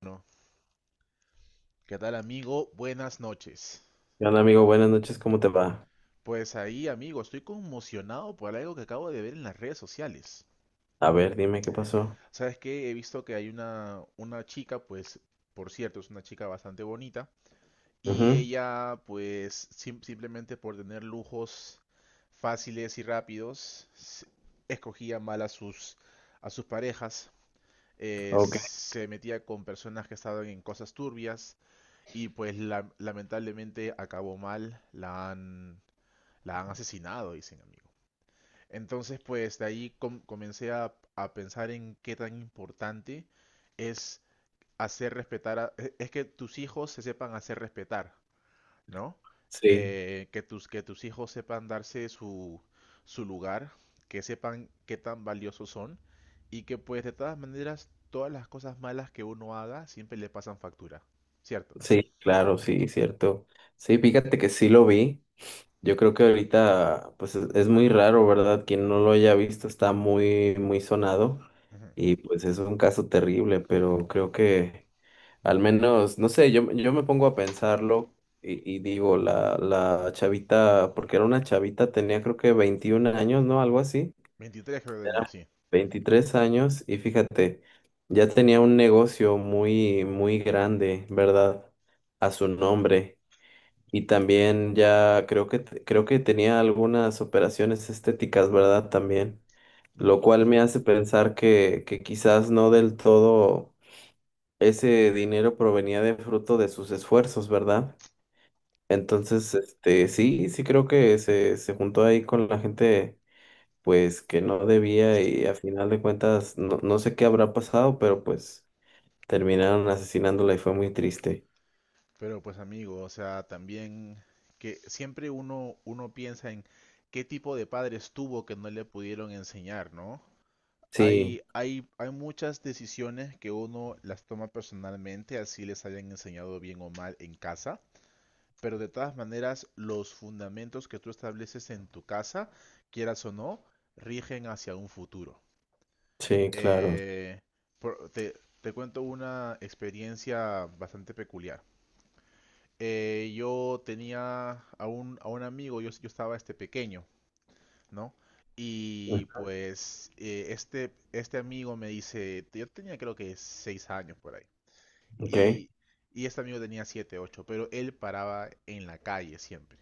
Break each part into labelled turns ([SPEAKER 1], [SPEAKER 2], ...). [SPEAKER 1] Bueno, ¿qué tal amigo? Buenas noches.
[SPEAKER 2] ¿Qué onda, amigo? Buenas noches, ¿cómo te va?
[SPEAKER 1] Pues ahí amigo, estoy conmocionado por algo que acabo de ver en las redes sociales.
[SPEAKER 2] A ver, dime qué pasó.
[SPEAKER 1] ¿Sabes qué? He visto que hay una chica, pues, por cierto, es una chica bastante bonita. Y
[SPEAKER 2] Ujú.
[SPEAKER 1] ella, pues, simplemente por tener lujos fáciles y rápidos, escogía mal a sus parejas.
[SPEAKER 2] Ok.
[SPEAKER 1] Se metía con personas que estaban en cosas turbias. Y pues lamentablemente acabó mal. La han asesinado, dicen, amigo. Entonces, pues de ahí comencé a pensar en qué tan importante es hacer es que tus hijos se sepan hacer respetar, ¿no?
[SPEAKER 2] Sí,
[SPEAKER 1] Que tus hijos sepan darse su lugar, que sepan qué tan valiosos son y que pues de todas maneras todas las cosas malas que uno haga siempre le pasan factura, ¿cierto?
[SPEAKER 2] sí, claro, sí, cierto. Sí, fíjate que sí lo vi. Yo creo que ahorita, pues es muy raro, ¿verdad? Quien no lo haya visto está muy, muy sonado
[SPEAKER 1] Ujú.
[SPEAKER 2] y pues es un caso terrible, pero creo que al menos, no sé, yo, yo me pongo a pensarlo y digo, la chavita, porque era una chavita, tenía creo que 21 años, ¿no? Algo así.
[SPEAKER 1] 23 creo que tenía, sí.
[SPEAKER 2] 23 años y fíjate, ya tenía un negocio muy, muy grande, ¿verdad? A su nombre. Y también ya creo que tenía algunas operaciones estéticas, ¿verdad? También.
[SPEAKER 1] Me-
[SPEAKER 2] Lo cual me
[SPEAKER 1] sí.
[SPEAKER 2] hace pensar que quizás no del todo ese dinero provenía de fruto de sus esfuerzos, ¿verdad?
[SPEAKER 1] Ujú.
[SPEAKER 2] Entonces, este, sí, sí creo que se juntó ahí con la gente pues que no debía y a final de cuentas no, no sé qué habrá pasado, pero pues terminaron asesinándola y fue muy triste.
[SPEAKER 1] Pero pues amigo, o sea, también que siempre uno piensa en qué tipo de padres tuvo que no le pudieron enseñar, ¿no?
[SPEAKER 2] Sí,
[SPEAKER 1] Hay muchas decisiones que uno las toma personalmente, así les hayan enseñado bien o mal en casa, pero de todas maneras los fundamentos que tú estableces en tu casa, quieras o no, rigen hacia un futuro.
[SPEAKER 2] sí, claro.
[SPEAKER 1] Eh, por- te, Te cuento una experiencia bastante peculiar. Yo tenía a un amigo. Yo estaba este pequeño, ¿no?
[SPEAKER 2] Mm.
[SPEAKER 1] Y pues este amigo me dice, yo tenía creo que 6 años por ahí.
[SPEAKER 2] Ok,
[SPEAKER 1] Y, y este amigo tenía 7, 8, pero él paraba en la calle siempre.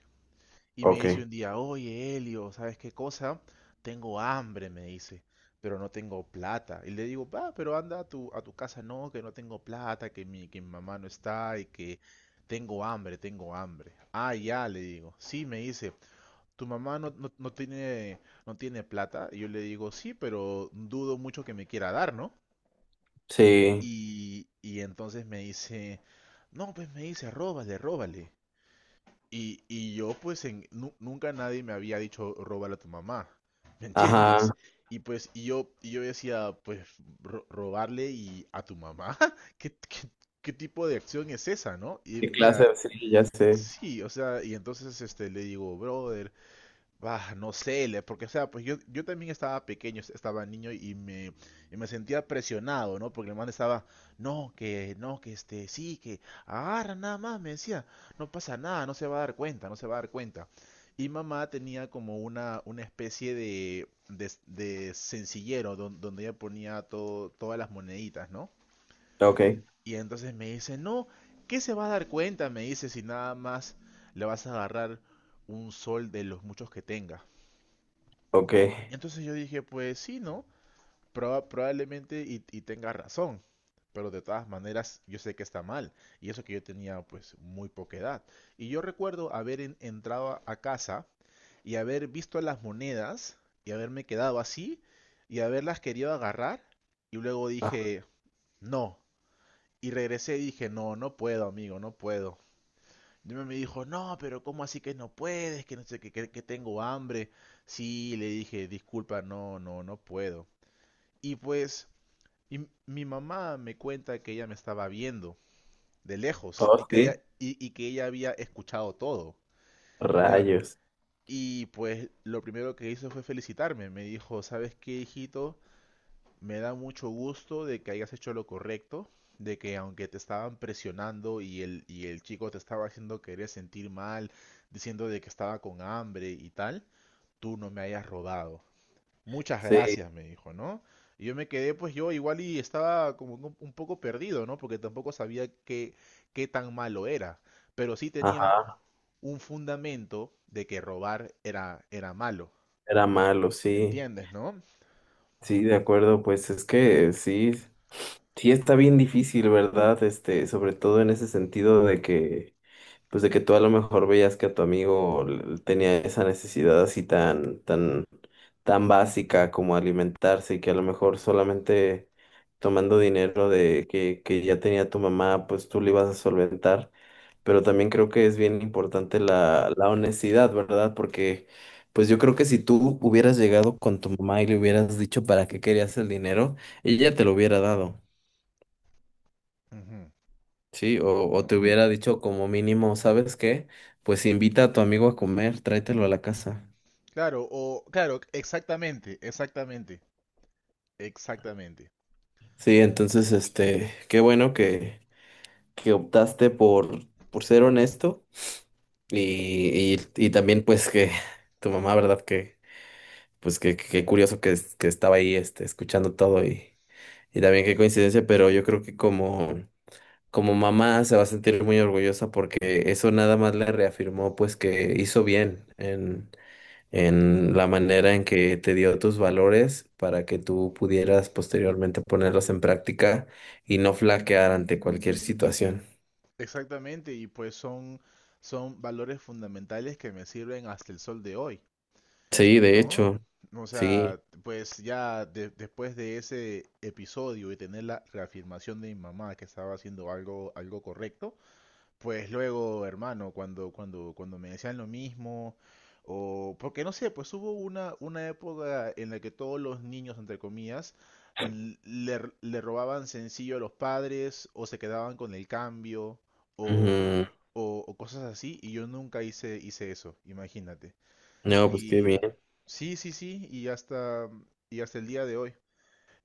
[SPEAKER 1] Y me dice
[SPEAKER 2] ok.
[SPEAKER 1] un día, oye, Elio, ¿sabes qué cosa? Tengo hambre, me dice, pero no tengo plata. Y le digo, va, pero anda a tu casa. No, que no tengo plata, que mi mamá no está y que tengo hambre, tengo hambre. Ah, ya, le digo. Sí, me dice, ¿tu mamá no tiene, no tiene plata? Y yo le digo, sí, pero dudo mucho que me quiera dar, ¿no?
[SPEAKER 2] Sí,
[SPEAKER 1] Y entonces me dice, no, pues me dice, róbale, róbale. Y yo pues nunca nadie me había dicho róbala a tu mamá, ¿me entiendes?
[SPEAKER 2] ajá.
[SPEAKER 1] Y pues yo decía, pues robarle y a tu mamá. ¿Qué, qué tipo de acción es esa, no? Y
[SPEAKER 2] ¿Qué clase?
[SPEAKER 1] mira,
[SPEAKER 2] Sí, ya sé.
[SPEAKER 1] sí, o sea, y entonces le digo, brother, bah, no sé, porque o sea, pues yo también estaba pequeño, estaba niño y y me sentía presionado, ¿no? Porque el man estaba, no, que, no, que este, sí, que agarra nada más, me decía, no pasa nada, no se va a dar cuenta, no se va a dar cuenta. Y mamá tenía como una especie de sencillero donde ella ponía todo, todas las moneditas, ¿no?
[SPEAKER 2] Ok,
[SPEAKER 1] Y entonces me dice, no, ¿qué se va a dar cuenta? Me dice, si nada más le vas a agarrar un sol de los muchos que tenga.
[SPEAKER 2] ok.
[SPEAKER 1] Y entonces yo dije, pues sí, ¿no? Probablemente tenga razón. Pero de todas maneras, yo sé que está mal. Y eso que yo tenía pues muy poca edad. Y yo recuerdo haber entrado a casa y haber visto las monedas y haberme quedado así y haberlas querido agarrar. Y luego
[SPEAKER 2] Ah,
[SPEAKER 1] dije, no. Y regresé y dije, no, no puedo, amigo, no puedo. Y me dijo, no, pero ¿cómo así que no puedes? Que no sé, que tengo hambre. Sí, le dije, disculpa, no puedo. Y pues y mi mamá me cuenta que ella me estaba viendo de lejos y
[SPEAKER 2] oh,
[SPEAKER 1] que ella,
[SPEAKER 2] sí.
[SPEAKER 1] y que ella había escuchado todo. Ya,
[SPEAKER 2] Rayos.
[SPEAKER 1] y pues lo primero que hizo fue felicitarme. Me dijo, ¿sabes qué, hijito? Me da mucho gusto de que hayas hecho lo correcto, de que aunque te estaban presionando y el chico te estaba haciendo querer sentir mal, diciendo de que estaba con hambre y tal, tú no me hayas rodado. Muchas
[SPEAKER 2] Sí,
[SPEAKER 1] gracias, me dijo, ¿no? Y yo me quedé, pues yo igual y estaba como un poco perdido, ¿no? Porque tampoco sabía qué, qué tan malo era. Pero sí tenía
[SPEAKER 2] ajá.
[SPEAKER 1] un fundamento de que robar era, era malo.
[SPEAKER 2] Era malo,
[SPEAKER 1] ¿Me
[SPEAKER 2] sí.
[SPEAKER 1] entiendes, no?
[SPEAKER 2] Sí, de acuerdo, pues es que sí, sí está bien difícil, ¿verdad? Este, sobre todo en ese sentido de que pues de que tú a lo mejor veías que a tu amigo tenía esa necesidad así tan, tan, tan básica como alimentarse y que a lo mejor solamente tomando dinero de que ya tenía tu mamá, pues tú le ibas a solventar. Pero también creo que es bien importante la honestidad, ¿verdad? Porque pues yo creo que si tú hubieras llegado con tu mamá y le hubieras dicho para qué querías el dinero, ella te lo hubiera dado.
[SPEAKER 1] Ujú,
[SPEAKER 2] Sí,
[SPEAKER 1] ujú.
[SPEAKER 2] o te hubiera dicho como mínimo, ¿sabes qué? Pues invita a tu amigo a comer, tráetelo a la casa.
[SPEAKER 1] Claro, o claro, exactamente,
[SPEAKER 2] Sí, entonces, este, qué bueno que optaste por ser honesto y también pues que tu mamá, ¿verdad? Que, pues que curioso que estaba ahí, este, escuchando todo y también qué coincidencia, pero yo creo que como mamá se va a sentir muy orgullosa porque eso nada más le reafirmó pues que hizo bien en la manera en que te dio tus valores para que tú pudieras posteriormente ponerlos en práctica y no flaquear ante cualquier situación.
[SPEAKER 1] exactamente. Y pues son, son valores fundamentales que me sirven hasta el sol de hoy.
[SPEAKER 2] Sí, de
[SPEAKER 1] ¿No?
[SPEAKER 2] hecho,
[SPEAKER 1] O
[SPEAKER 2] sí.
[SPEAKER 1] sea, pues ya después de ese episodio y tener la reafirmación de mi mamá que estaba haciendo algo, algo correcto, pues luego, hermano, cuando me decían lo mismo, o porque no sé, pues hubo una época en la que todos los niños, entre comillas, le robaban sencillo a los padres, o se quedaban con el cambio, o,
[SPEAKER 2] Ujú.
[SPEAKER 1] o cosas así, y yo nunca hice eso, imagínate.
[SPEAKER 2] No, pues qué bien.
[SPEAKER 1] Sí, sí, sí, y hasta el día de hoy.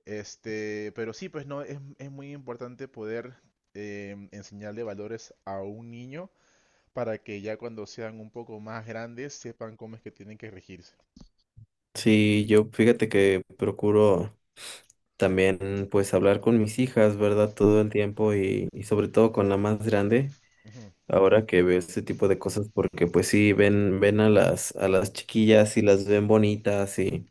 [SPEAKER 1] Este, pero sí, pues no, es muy importante poder enseñarle valores a un niño para que ya cuando sean un poco más grandes sepan cómo es que tienen que regirse.
[SPEAKER 2] Sí, yo fíjate que procuro también pues hablar con mis hijas, ¿verdad? Todo el tiempo y sobre todo con la más grande.
[SPEAKER 1] Ujú,
[SPEAKER 2] Ahora que veo este tipo de cosas, porque pues sí, ven a las chiquillas y las ven bonitas y,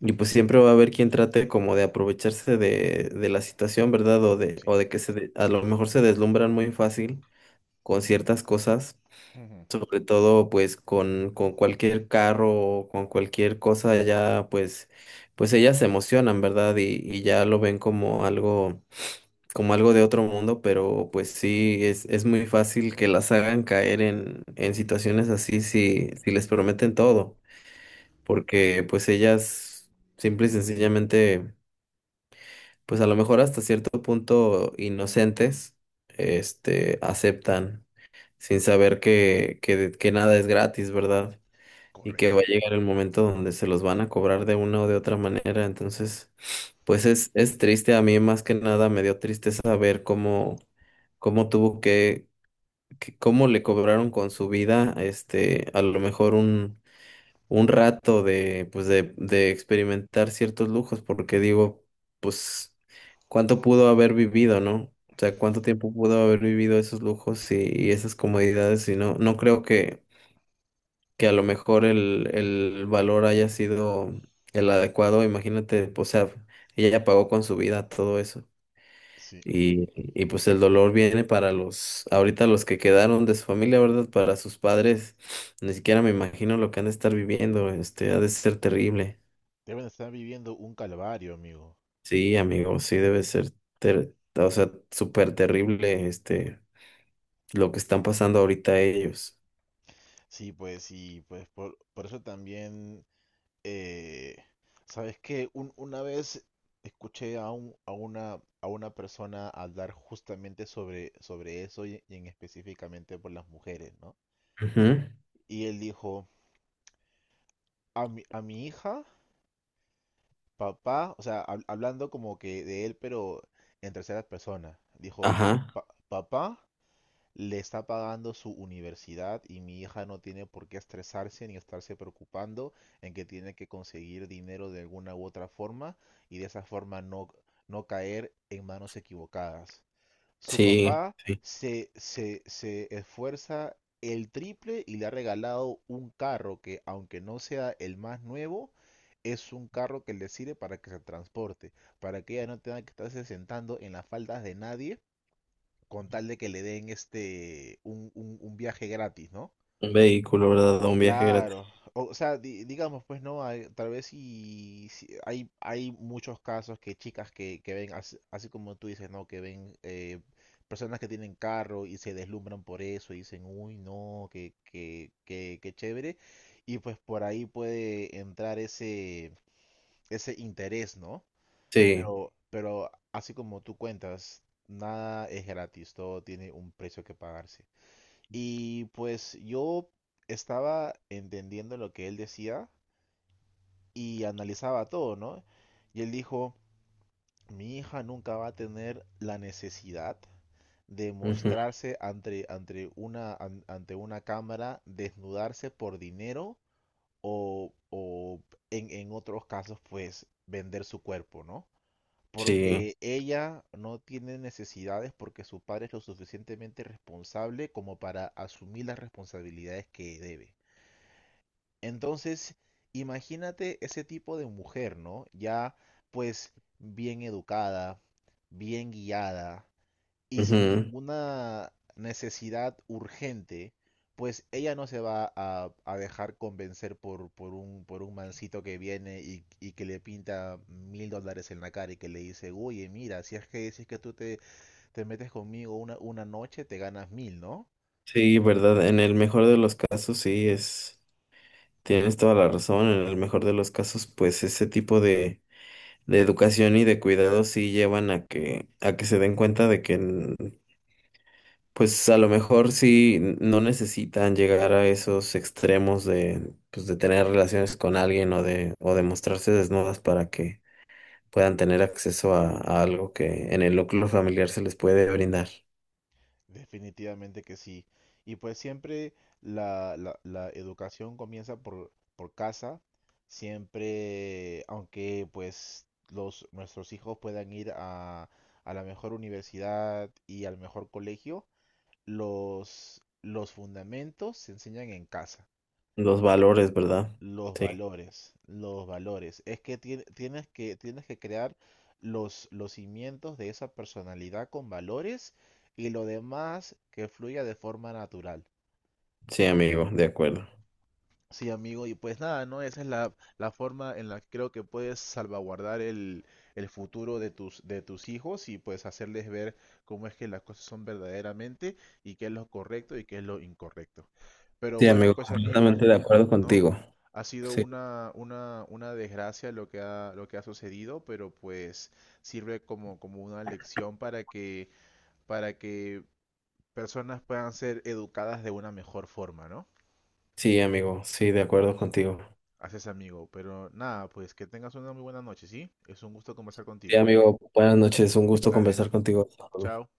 [SPEAKER 2] y pues siempre va a haber quien trate como de aprovecharse de la situación, ¿verdad? O de, o
[SPEAKER 1] sí,
[SPEAKER 2] de que se a lo mejor se deslumbran muy fácil con ciertas cosas,
[SPEAKER 1] ujú,
[SPEAKER 2] sobre todo pues con cualquier carro o con cualquier cosa, ya pues, pues ellas se emocionan, ¿verdad? Y ya lo ven como algo de otro mundo, pero pues sí, es muy fácil que las hagan caer en situaciones así si, si les prometen todo, porque pues ellas simple y sencillamente, pues a lo mejor hasta cierto punto inocentes, este, aceptan sin saber que nada es gratis, ¿verdad? Y que va
[SPEAKER 1] correcto.
[SPEAKER 2] a llegar el momento donde se los van a cobrar de una o de otra manera. Entonces, pues es triste. A mí más que nada me dio tristeza ver cómo tuvo que, cómo le cobraron con su vida, este, a lo mejor un rato de, pues de experimentar ciertos lujos, porque digo, pues, ¿cuánto pudo haber vivido, no? O sea, ¿cuánto tiempo pudo haber vivido esos lujos y esas comodidades? Y no, no creo que a lo mejor el valor haya sido el adecuado, imagínate, pues, o sea, ella ya pagó con su vida todo eso.
[SPEAKER 1] Sí,
[SPEAKER 2] Y, y pues el dolor viene para los, ahorita los que quedaron de su familia, ¿verdad? Para sus padres, ni siquiera me imagino lo que han de estar viviendo, este, ha de ser terrible.
[SPEAKER 1] deben estar viviendo un calvario, amigo.
[SPEAKER 2] Sí, amigo, sí debe ser, o sea, súper terrible, este, lo que están pasando ahorita ellos.
[SPEAKER 1] Sí, pues, y pues por eso también. Eh, ¿Sabes que una vez escuché a una persona hablar justamente sobre eso y en específicamente por las mujeres, ¿no?
[SPEAKER 2] Ujú.
[SPEAKER 1] Y él dijo, a mi hija, papá, o sea, hablando como que de él, pero en tercera persona, dijo,
[SPEAKER 2] Ajá,
[SPEAKER 1] Papá le está pagando su universidad y mi hija no tiene por qué estresarse ni estarse preocupando en que tiene que conseguir dinero de alguna u otra forma y de esa forma no, no caer en manos equivocadas. Su
[SPEAKER 2] sí,
[SPEAKER 1] papá
[SPEAKER 2] sí,
[SPEAKER 1] se esfuerza el triple y le ha regalado un carro que, aunque no sea el más nuevo, es un carro que le sirve para que se transporte, para que ella no tenga que estarse sentando en las faldas de nadie con tal de que le den este un viaje gratis, ¿no?
[SPEAKER 2] un vehículo, ¿verdad? Un viaje gratis.
[SPEAKER 1] Claro, o sea, digamos, pues no, tal vez hay muchos casos que chicas que ven, así, como tú dices, ¿no? Que ven personas que tienen carro y se deslumbran por eso y dicen, uy, no, qué chévere. Y pues por ahí puede entrar ese interés, ¿no?
[SPEAKER 2] Sí.
[SPEAKER 1] Pero así como tú cuentas, nada es gratis, todo tiene un precio que pagarse. Y pues yo estaba entendiendo lo que él decía y analizaba todo, ¿no? Y él dijo, mi hija nunca va a tener la necesidad de
[SPEAKER 2] Ujú.
[SPEAKER 1] mostrarse ante una cámara, desnudarse por dinero o en otros casos, pues vender su cuerpo, ¿no?
[SPEAKER 2] Sí,
[SPEAKER 1] Porque ella no tiene necesidades porque su padre es lo suficientemente responsable como para asumir las responsabilidades que debe. Entonces, imagínate ese tipo de mujer, ¿no? Ya pues bien educada, bien guiada, y sin
[SPEAKER 2] ujú.
[SPEAKER 1] ninguna necesidad urgente, pues ella no se va a dejar convencer por un mancito que viene y que le pinta $1000 en la cara y que le dice, oye, mira, si es que, si es que tú te metes conmigo una noche, te ganas mil, ¿no?
[SPEAKER 2] Sí, verdad. En el mejor de los casos, sí, tienes toda la razón. En el mejor de los casos, pues ese tipo de educación y de cuidado sí llevan a que se den cuenta de que, pues a lo mejor sí no necesitan llegar a esos extremos de, pues de tener relaciones con alguien o de mostrarse desnudas para que puedan tener acceso a algo que en el núcleo familiar se les puede brindar.
[SPEAKER 1] Definitivamente que sí. Y pues siempre la educación comienza por casa, siempre, aunque pues nuestros hijos puedan ir a la mejor universidad y al mejor colegio, los fundamentos se enseñan en casa.
[SPEAKER 2] Los valores, ¿verdad?
[SPEAKER 1] Los
[SPEAKER 2] Sí.
[SPEAKER 1] valores, los valores. Es que tienes que, tienes que crear los cimientos de esa personalidad con valores y lo demás que fluya de forma natural.
[SPEAKER 2] Sí, amigo, de acuerdo.
[SPEAKER 1] Sí, amigo, y pues nada, ¿no? Esa es la forma en la que creo que puedes salvaguardar el futuro de tus hijos y pues hacerles ver cómo es que las cosas son verdaderamente y qué es lo correcto y qué es lo incorrecto. Pero
[SPEAKER 2] Sí,
[SPEAKER 1] bueno,
[SPEAKER 2] amigo,
[SPEAKER 1] pues amigo,
[SPEAKER 2] completamente de acuerdo
[SPEAKER 1] ¿no?
[SPEAKER 2] contigo.
[SPEAKER 1] Ha sido
[SPEAKER 2] Sí,
[SPEAKER 1] una desgracia lo que ha sucedido, pero pues sirve como, como una lección para que personas puedan ser educadas de una mejor forma, ¿no?
[SPEAKER 2] sí, amigo, sí, de acuerdo contigo.
[SPEAKER 1] Haces amigo, pero nada, pues que tengas una muy buena noche, ¿sí? Es un gusto conversar
[SPEAKER 2] Sí,
[SPEAKER 1] contigo.
[SPEAKER 2] amigo, buenas noches, un gusto
[SPEAKER 1] Dale,
[SPEAKER 2] conversar contigo.
[SPEAKER 1] chao.